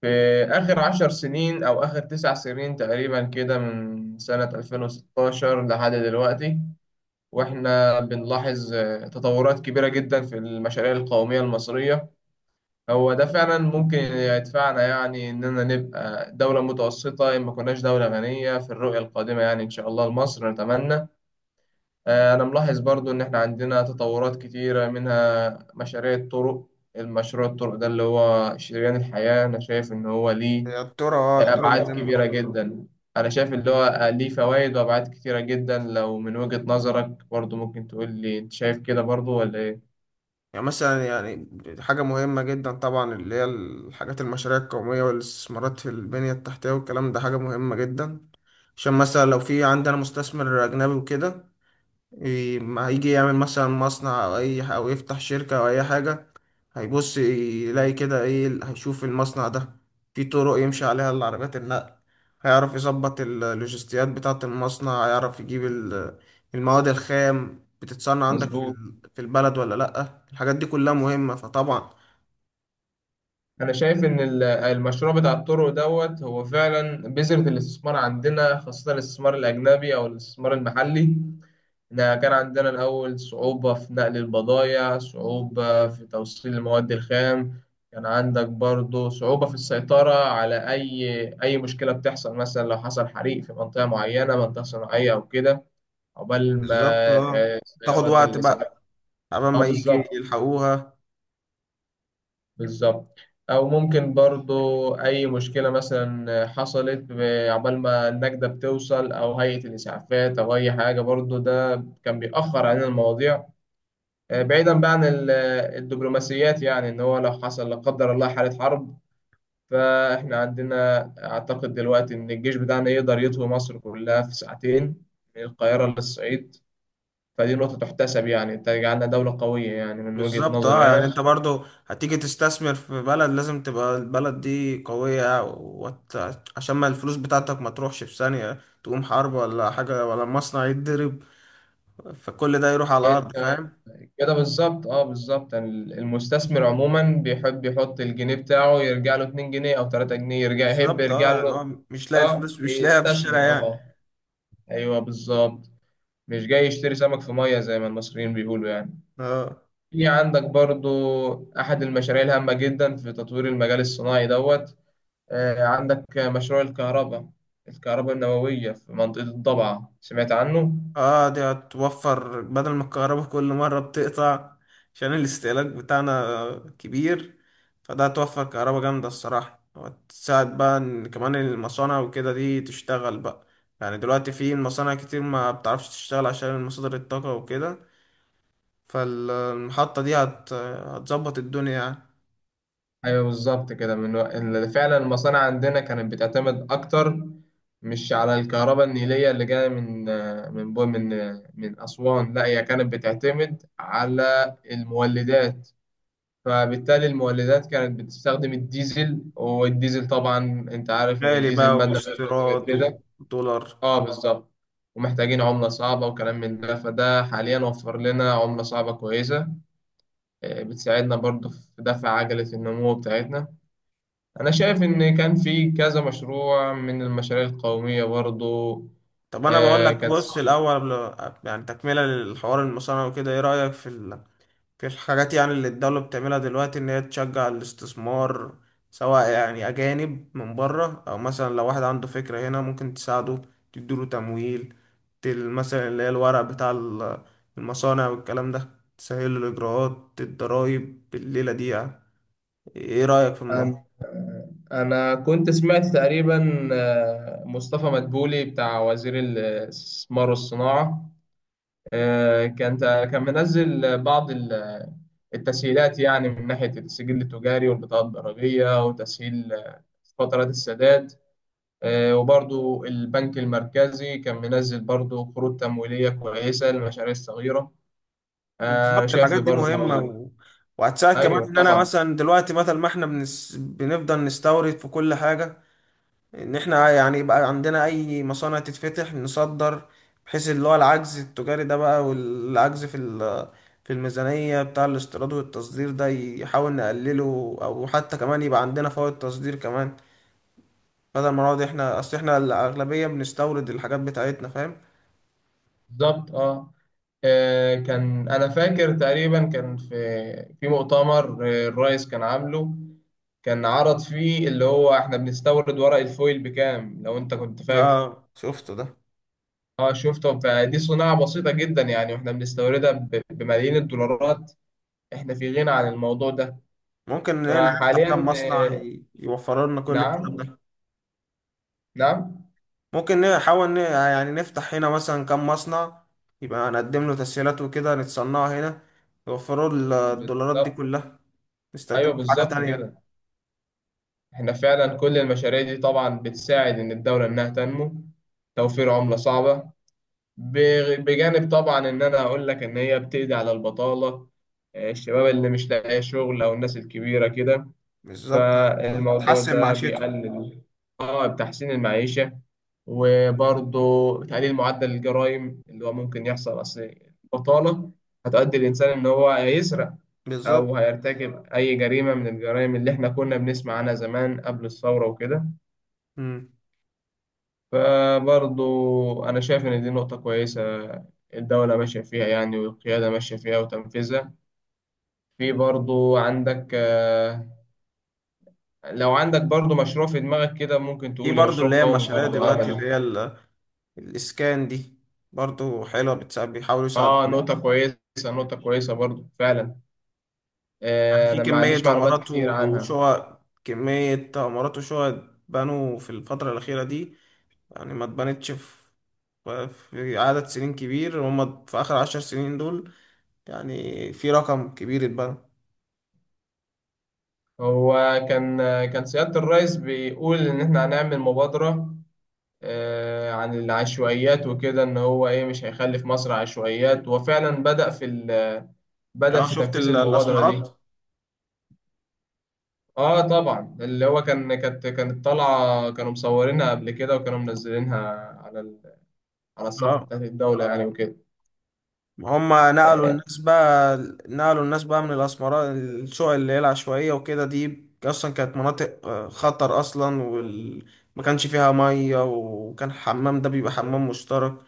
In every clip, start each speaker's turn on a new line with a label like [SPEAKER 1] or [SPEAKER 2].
[SPEAKER 1] في آخر 10 سنين أو آخر 9 سنين تقريبا كده، من سنة 2016 لحد دلوقتي. وإحنا بنلاحظ، تطورات كبيرة جدا في المشاريع القومية المصرية. هو ده فعلا ممكن يدفعنا يعني إننا نبقى دولة متوسطة إن ما كناش دولة غنية في الرؤية القادمة، يعني إن شاء الله لمصر نتمنى. أنا ملاحظ برضو إن إحنا عندنا تطورات كتيرة، منها مشاريع الطرق. المشروع الطرق ده اللي هو شريان الحياة، أنا شايف إن هو ليه
[SPEAKER 2] هي الترى
[SPEAKER 1] أبعاد
[SPEAKER 2] مهمة.
[SPEAKER 1] كبيرة جدا. أنا شايف اللي هو ليه فوائد وأبعاد كتيرة جدا. لو من وجهة نظرك برضو ممكن تقول لي، أنت شايف كده برضو ولا إيه؟
[SPEAKER 2] يعني مثلا حاجة مهمة جدا طبعا، اللي هي الحاجات المشاريع القومية والاستثمارات في البنية التحتية والكلام ده حاجة مهمة جدا. عشان مثلا لو في عندنا مستثمر أجنبي وكده، ما هيجي يعمل مثلا مصنع او اي او يفتح شركة او اي حاجة، هيبص يلاقي كده ايه هيشوف المصنع ده في طرق يمشي عليها العربيات النقل، هيعرف يظبط اللوجستيات بتاعة المصنع، هيعرف يجيب المواد الخام بتتصنع عندك
[SPEAKER 1] مظبوط.
[SPEAKER 2] في البلد ولا لأ. الحاجات دي كلها مهمة فطبعا
[SPEAKER 1] أنا شايف إن المشروع بتاع الطرق دوت هو فعلا بذرة الاستثمار عندنا، خاصة الاستثمار الأجنبي أو الاستثمار المحلي. إحنا كان عندنا الأول صعوبة في نقل البضايع، صعوبة في توصيل المواد الخام. كان عندك برضو صعوبة في السيطرة على أي مشكلة بتحصل، مثلا لو حصل حريق في منطقة معينة، منطقة صناعية أو كده عقبال ما،
[SPEAKER 2] بالظبط، اه. تاخد
[SPEAKER 1] السيارات
[SPEAKER 2] وقت
[SPEAKER 1] اللي ساعات.
[SPEAKER 2] بقى قبل
[SPEAKER 1] اه،
[SPEAKER 2] ما يجي
[SPEAKER 1] بالظبط،
[SPEAKER 2] يلحقوها.
[SPEAKER 1] بالظبط. أو ممكن برضو أي مشكلة مثلا حصلت عقبال ما النجدة بتوصل أو هيئة الإسعافات أو أي حاجة، برضو ده كان بيأخر علينا المواضيع. بعيدا بقى عن الدبلوماسيات، يعني ان هو لو حصل لا قدر الله حالة حرب، فاحنا عندنا اعتقد دلوقتي ان الجيش بتاعنا يقدر يطوي مصر كلها في ساعتين، من القاهرة للصعيد. فدي نقطة تحتسب، يعني تجعلنا دولة قوية يعني من وجهة
[SPEAKER 2] بالظبط، اه.
[SPEAKER 1] نظري
[SPEAKER 2] يعني
[SPEAKER 1] انا.
[SPEAKER 2] انت برضو هتيجي تستثمر في بلد، لازم تبقى البلد دي قوية عشان ما الفلوس بتاعتك ما تروحش في ثانية تقوم حرب ولا حاجة ولا مصنع يتضرب، فكل ده يروح على الأرض،
[SPEAKER 1] انت
[SPEAKER 2] فاهم.
[SPEAKER 1] كده بالظبط، اه بالظبط. المستثمر عموما بيحب يحط الجنيه بتاعه يرجع له 2 جنيه او 3 جنيه، يرجع يحب
[SPEAKER 2] بالظبط،
[SPEAKER 1] يرجع
[SPEAKER 2] اه. يعني هو
[SPEAKER 1] له.
[SPEAKER 2] مش لاقي
[SPEAKER 1] اه
[SPEAKER 2] الفلوس، مش لاقيها في الشارع
[SPEAKER 1] يستثمر،
[SPEAKER 2] يعني.
[SPEAKER 1] اه، ايوه بالظبط. مش جاي يشتري سمك في مية زي ما المصريين بيقولوا يعني.
[SPEAKER 2] اه.
[SPEAKER 1] في عندك برضو أحد المشاريع الهامة جدا في تطوير المجال الصناعي دوت. عندك مشروع الكهرباء النووية في منطقة الضبعة، سمعت عنه؟
[SPEAKER 2] اه، دي هتوفر بدل ما الكهرباء كل مرة بتقطع عشان الاستهلاك بتاعنا كبير، فده هتوفر كهرباء جامدة الصراحة، وتساعد بقى ان كمان المصانع وكده دي تشتغل بقى. يعني دلوقتي في مصانع كتير ما بتعرفش تشتغل عشان مصادر الطاقة وكده، فالمحطة دي هتظبط الدنيا يعني.
[SPEAKER 1] أيوه بالظبط كده. من إن فعلا المصانع عندنا كانت بتعتمد أكتر، مش على الكهرباء النيلية اللي جاية من من أسوان، لا هي كانت بتعتمد على المولدات. فبالتالي المولدات كانت بتستخدم الديزل، والديزل طبعا انت عارف ان
[SPEAKER 2] غالي
[SPEAKER 1] الديزل
[SPEAKER 2] بقى
[SPEAKER 1] مادة غير
[SPEAKER 2] واستيراد
[SPEAKER 1] متجددة.
[SPEAKER 2] ودولار.
[SPEAKER 1] اه بالظبط. ومحتاجين عملة صعبة وكلام من ده، فده حاليا وفر لنا عملة صعبة كويسة، بتساعدنا برضو في دفع عجلة النمو بتاعتنا. أنا شايف إن كان في كذا مشروع من المشاريع القومية برضو.
[SPEAKER 2] طب انا بقول
[SPEAKER 1] آه،
[SPEAKER 2] لك،
[SPEAKER 1] كانت
[SPEAKER 2] بص الاول يعني تكملة للحوار، المصانع وكده ايه رأيك في الحاجات يعني، اللي الدولة بتعملها دلوقتي إن هي تشجع الاستثمار، سواء يعني أجانب من بره، أو مثلا لو واحد عنده فكرة هنا ممكن تساعده، تديله تمويل، مثلا اللي هي الورق بتاع المصانع والكلام ده، تسهل له الإجراءات، الضرايب الليلة دي يعني، إيه رأيك في الموضوع؟
[SPEAKER 1] أنا أنا كنت سمعت تقريبا، مصطفى مدبولي بتاع وزير الاستثمار والصناعة، آه، كان كان منزل بعض التسهيلات، يعني من ناحية السجل التجاري والبطاقة الضريبية وتسهيل، فترات السداد. وبرضو البنك المركزي كان منزل برضو قروض تمويلية كويسة للمشاريع الصغيرة. أنا
[SPEAKER 2] بالظبط،
[SPEAKER 1] شايف
[SPEAKER 2] الحاجات دي مهمة
[SPEAKER 1] برضو.
[SPEAKER 2] وهتساعد كمان،
[SPEAKER 1] أيوه
[SPEAKER 2] إن أنا
[SPEAKER 1] طبعا،
[SPEAKER 2] مثلا دلوقتي بدل ما إحنا بنفضل نستورد في كل حاجة، ان احنا يعني يبقى عندنا اي مصانع تتفتح نصدر، بحيث اللي هو العجز التجاري ده بقى والعجز في الميزانية بتاع الاستيراد والتصدير ده يحاول نقلله، او حتى كمان يبقى عندنا فوائد تصدير كمان، بدل ما نقعد احنا. اصل احنا الاغلبية بنستورد الحاجات بتاعتنا، فاهم.
[SPEAKER 1] بالظبط اه. كان انا فاكر تقريبا، كان في مؤتمر، الرئيس كان عامله، كان عرض فيه اللي هو احنا بنستورد ورق الفويل بكام لو انت كنت فاكر.
[SPEAKER 2] اه، شفته ده.
[SPEAKER 1] اه شفته، فدي صناعة بسيطة جدا يعني واحنا بنستوردها بملايين الدولارات. احنا في غنى عن الموضوع ده.
[SPEAKER 2] ممكن هنا نفتح كام
[SPEAKER 1] فحاليا،
[SPEAKER 2] مصنع يوفر لنا كل الكلام
[SPEAKER 1] نعم،
[SPEAKER 2] ده.
[SPEAKER 1] نعم،
[SPEAKER 2] ممكن نحاول يعني نفتح هنا مثلا كام مصنع، يبقى نقدم له تسهيلات وكده، نتصنعها هنا، يوفروا الدولارات دي
[SPEAKER 1] بالظبط،
[SPEAKER 2] كلها،
[SPEAKER 1] ايوه
[SPEAKER 2] نستخدمها في حاجة
[SPEAKER 1] بالظبط كده.
[SPEAKER 2] تانية.
[SPEAKER 1] احنا فعلا كل المشاريع دي طبعا بتساعد ان الدولة انها تنمو، توفير عملة صعبة، بجانب طبعا ان انا اقول لك ان هي بتقضي على البطاله. الشباب اللي مش لاقي شغل او الناس الكبيره كده.
[SPEAKER 2] بالظبط،
[SPEAKER 1] فالموضوع
[SPEAKER 2] هتحسن
[SPEAKER 1] ده
[SPEAKER 2] معيشته.
[SPEAKER 1] بيقلل، اه، بتحسين المعيشه، وبرضه تقليل معدل الجرائم، اللي هو ممكن يحصل اصل البطاله هتؤدي الانسان ان هو هيسرق
[SPEAKER 2] بالظبط
[SPEAKER 1] او هيرتكب اي جريمه من الجرائم اللي احنا كنا بنسمع عنها زمان قبل الثوره وكده.
[SPEAKER 2] مم.
[SPEAKER 1] فبرضو أنا شايف إن دي نقطة كويسة، الدولة ماشية فيها يعني، والقيادة ماشية فيها وتنفيذها. في برضو عندك آه، لو عندك برضو مشروع في دماغك كده ممكن
[SPEAKER 2] في
[SPEAKER 1] تقولي
[SPEAKER 2] برضو
[SPEAKER 1] مشروع
[SPEAKER 2] اللي هي
[SPEAKER 1] قومي
[SPEAKER 2] المشاريع
[SPEAKER 1] برضو
[SPEAKER 2] دلوقتي
[SPEAKER 1] أعمل.
[SPEAKER 2] اللي هي الإسكان دي، برضو حلوة، بتساعد، بيحاولوا يساعدوا الناس.
[SPEAKER 1] نقطة كويسة، نقطة كويسة برضو فعلا.
[SPEAKER 2] يعني في
[SPEAKER 1] أنا ما
[SPEAKER 2] كمية
[SPEAKER 1] عنديش معلومات
[SPEAKER 2] عمارات
[SPEAKER 1] كتير عنها.
[SPEAKER 2] وشقق، بنوا في الفترة الأخيرة دي، يعني ما اتبنتش في عدد سنين كبير. هما في آخر 10 سنين دول يعني في رقم كبير اتبنى.
[SPEAKER 1] هو كان آه، كان سيادة الرئيس بيقول إن إحنا هنعمل مبادرة، عن العشوائيات وكده إن هو إيه مش هيخلي في مصر عشوائيات، وفعلا بدأ
[SPEAKER 2] اه،
[SPEAKER 1] في
[SPEAKER 2] شفت
[SPEAKER 1] تنفيذ المبادرة دي.
[SPEAKER 2] الأسمرات.
[SPEAKER 1] اه طبعا، اللي هو كانت طالعة، كانوا مصورينها قبل كده وكانوا منزلينها على ال... على الصفحة
[SPEAKER 2] اه،
[SPEAKER 1] بتاعت الدولة يعني وكده.
[SPEAKER 2] هما نقلوا
[SPEAKER 1] آه،
[SPEAKER 2] الناس بقى، من الأسمرات، الشقق اللي هي العشوائية وكده دي أصلا كانت مناطق خطر أصلا، ما كانش فيها مية، وكان الحمام ده بيبقى حمام مشترك،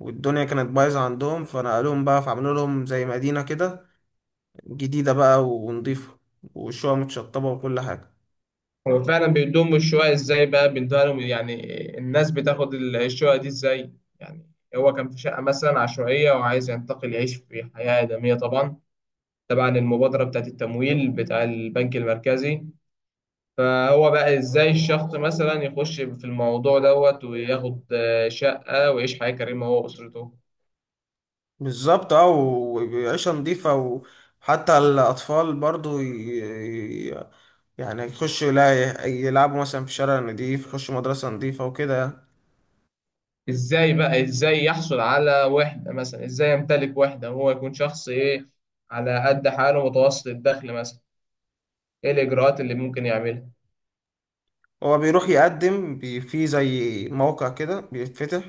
[SPEAKER 2] والدنيا كانت بايظة عندهم، فنقلوهم بقى، فعملوا لهم زي مدينة كده جديدة بقى ونضيفة، وشوية متشطبة وكل حاجة.
[SPEAKER 1] هو فعلا بيدوم الشقق ازاي بقى بيدوها لهم يعني؟ الناس بتاخد الشقق دي ازاي يعني؟ هو كان في شقة مثلا عشوائية وعايز ينتقل يعيش في حياة آدمية طبعا، تبعا المبادرة بتاعت التمويل بتاع البنك المركزي. فهو بقى ازاي الشخص مثلا يخش في الموضوع دوت وياخد شقة ويعيش حياة كريمة هو وأسرته؟
[SPEAKER 2] بالظبط، اه، وعيشة نضيفة، وحتى الأطفال برضو ي- يعني يخشوا يلعبوا مثلا في شارع نضيف، يخشوا مدرسة نضيفة وكده.
[SPEAKER 1] ازاي يحصل على وحدة مثلا، ازاي يمتلك وحدة وهو يكون شخص ايه على قد حاله متوسط الدخل مثلا؟ ايه الإجراءات اللي ممكن يعملها؟
[SPEAKER 2] هو بيروح يقدم في زي موقع كده بيتفتح،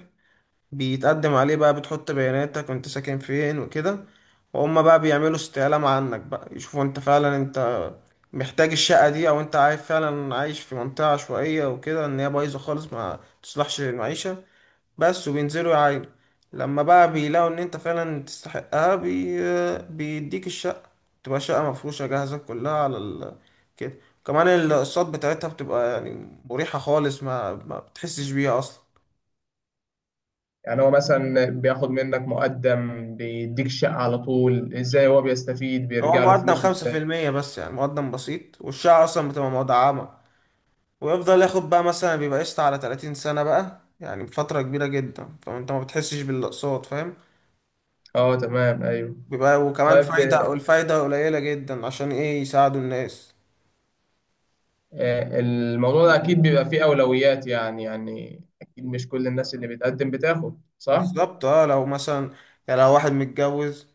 [SPEAKER 2] بيتقدم عليه بقى، بتحط بياناتك وانت ساكن فين وكده، وهم بقى بيعملوا استعلام عنك بقى، يشوفوا انت فعلا انت محتاج الشقة دي، او انت عايز فعلا، عايش في منطقة عشوائية وكده ان هي بايظة خالص ما تصلحش للمعيشة بس، وبينزلوا يعاينوا. لما بقى بيلاقوا ان انت فعلا تستحقها، بيديك الشقة، تبقى شقة مفروشة جاهزة كلها على كده. كمان الاقساط بتاعتها بتبقى يعني مريحة خالص، ما بتحسش بيها اصلا.
[SPEAKER 1] يعني هو مثلا بياخد منك مقدم بيديك شقة على طول، ازاي هو بيستفيد،
[SPEAKER 2] هو
[SPEAKER 1] بيرجع له
[SPEAKER 2] مقدم
[SPEAKER 1] فلوسه
[SPEAKER 2] خمسة في
[SPEAKER 1] ازاي؟
[SPEAKER 2] المية بس، يعني مقدم بسيط، والشقة أصلا بتبقى مدعمة، ويفضل ياخد بقى مثلا، بيبقى قسط على 30 سنة بقى، يعني فترة كبيرة جدا، فأنت ما بتحسش بالأقساط، فاهم.
[SPEAKER 1] اه تمام، ايوه.
[SPEAKER 2] بيبقى وكمان
[SPEAKER 1] طيب،
[SPEAKER 2] فايدة، والفايدة قليلة جدا عشان إيه، يساعدوا الناس.
[SPEAKER 1] الموضوع ده اكيد بيبقى فيه اولويات، يعني اكيد مش كل الناس اللي بتقدم بتاخد، صح؟
[SPEAKER 2] بالظبط، اه، لو مثلا يعني لو واحد متجوز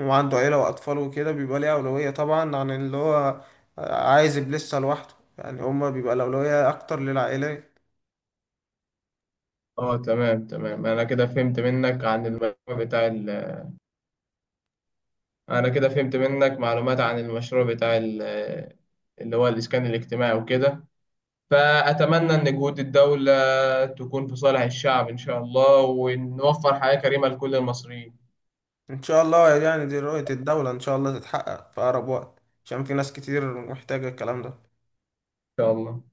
[SPEAKER 2] وعنده عيلة وأطفال وكده، بيبقى ليه أولوية طبعا عن اللي هو عايز يبقى لسه لوحده. يعني هما بيبقى الأولوية أكتر للعائلات.
[SPEAKER 1] اه تمام، تمام. انا كده فهمت منك عن المشروع بتاع ال... آه، انا كده فهمت منك معلومات عن المشروع بتاع ال... آه، اللي هو الاسكان الاجتماعي وكده. فاتمنى ان جهود الدولة تكون في صالح الشعب ان شاء الله، ونوفر حياة كريمة لكل المصريين ان
[SPEAKER 2] ان شاء الله، يعني دي رؤية الدولة، ان شاء الله تتحقق في اقرب وقت، عشان في ناس كتير محتاجة الكلام ده
[SPEAKER 1] شاء الله.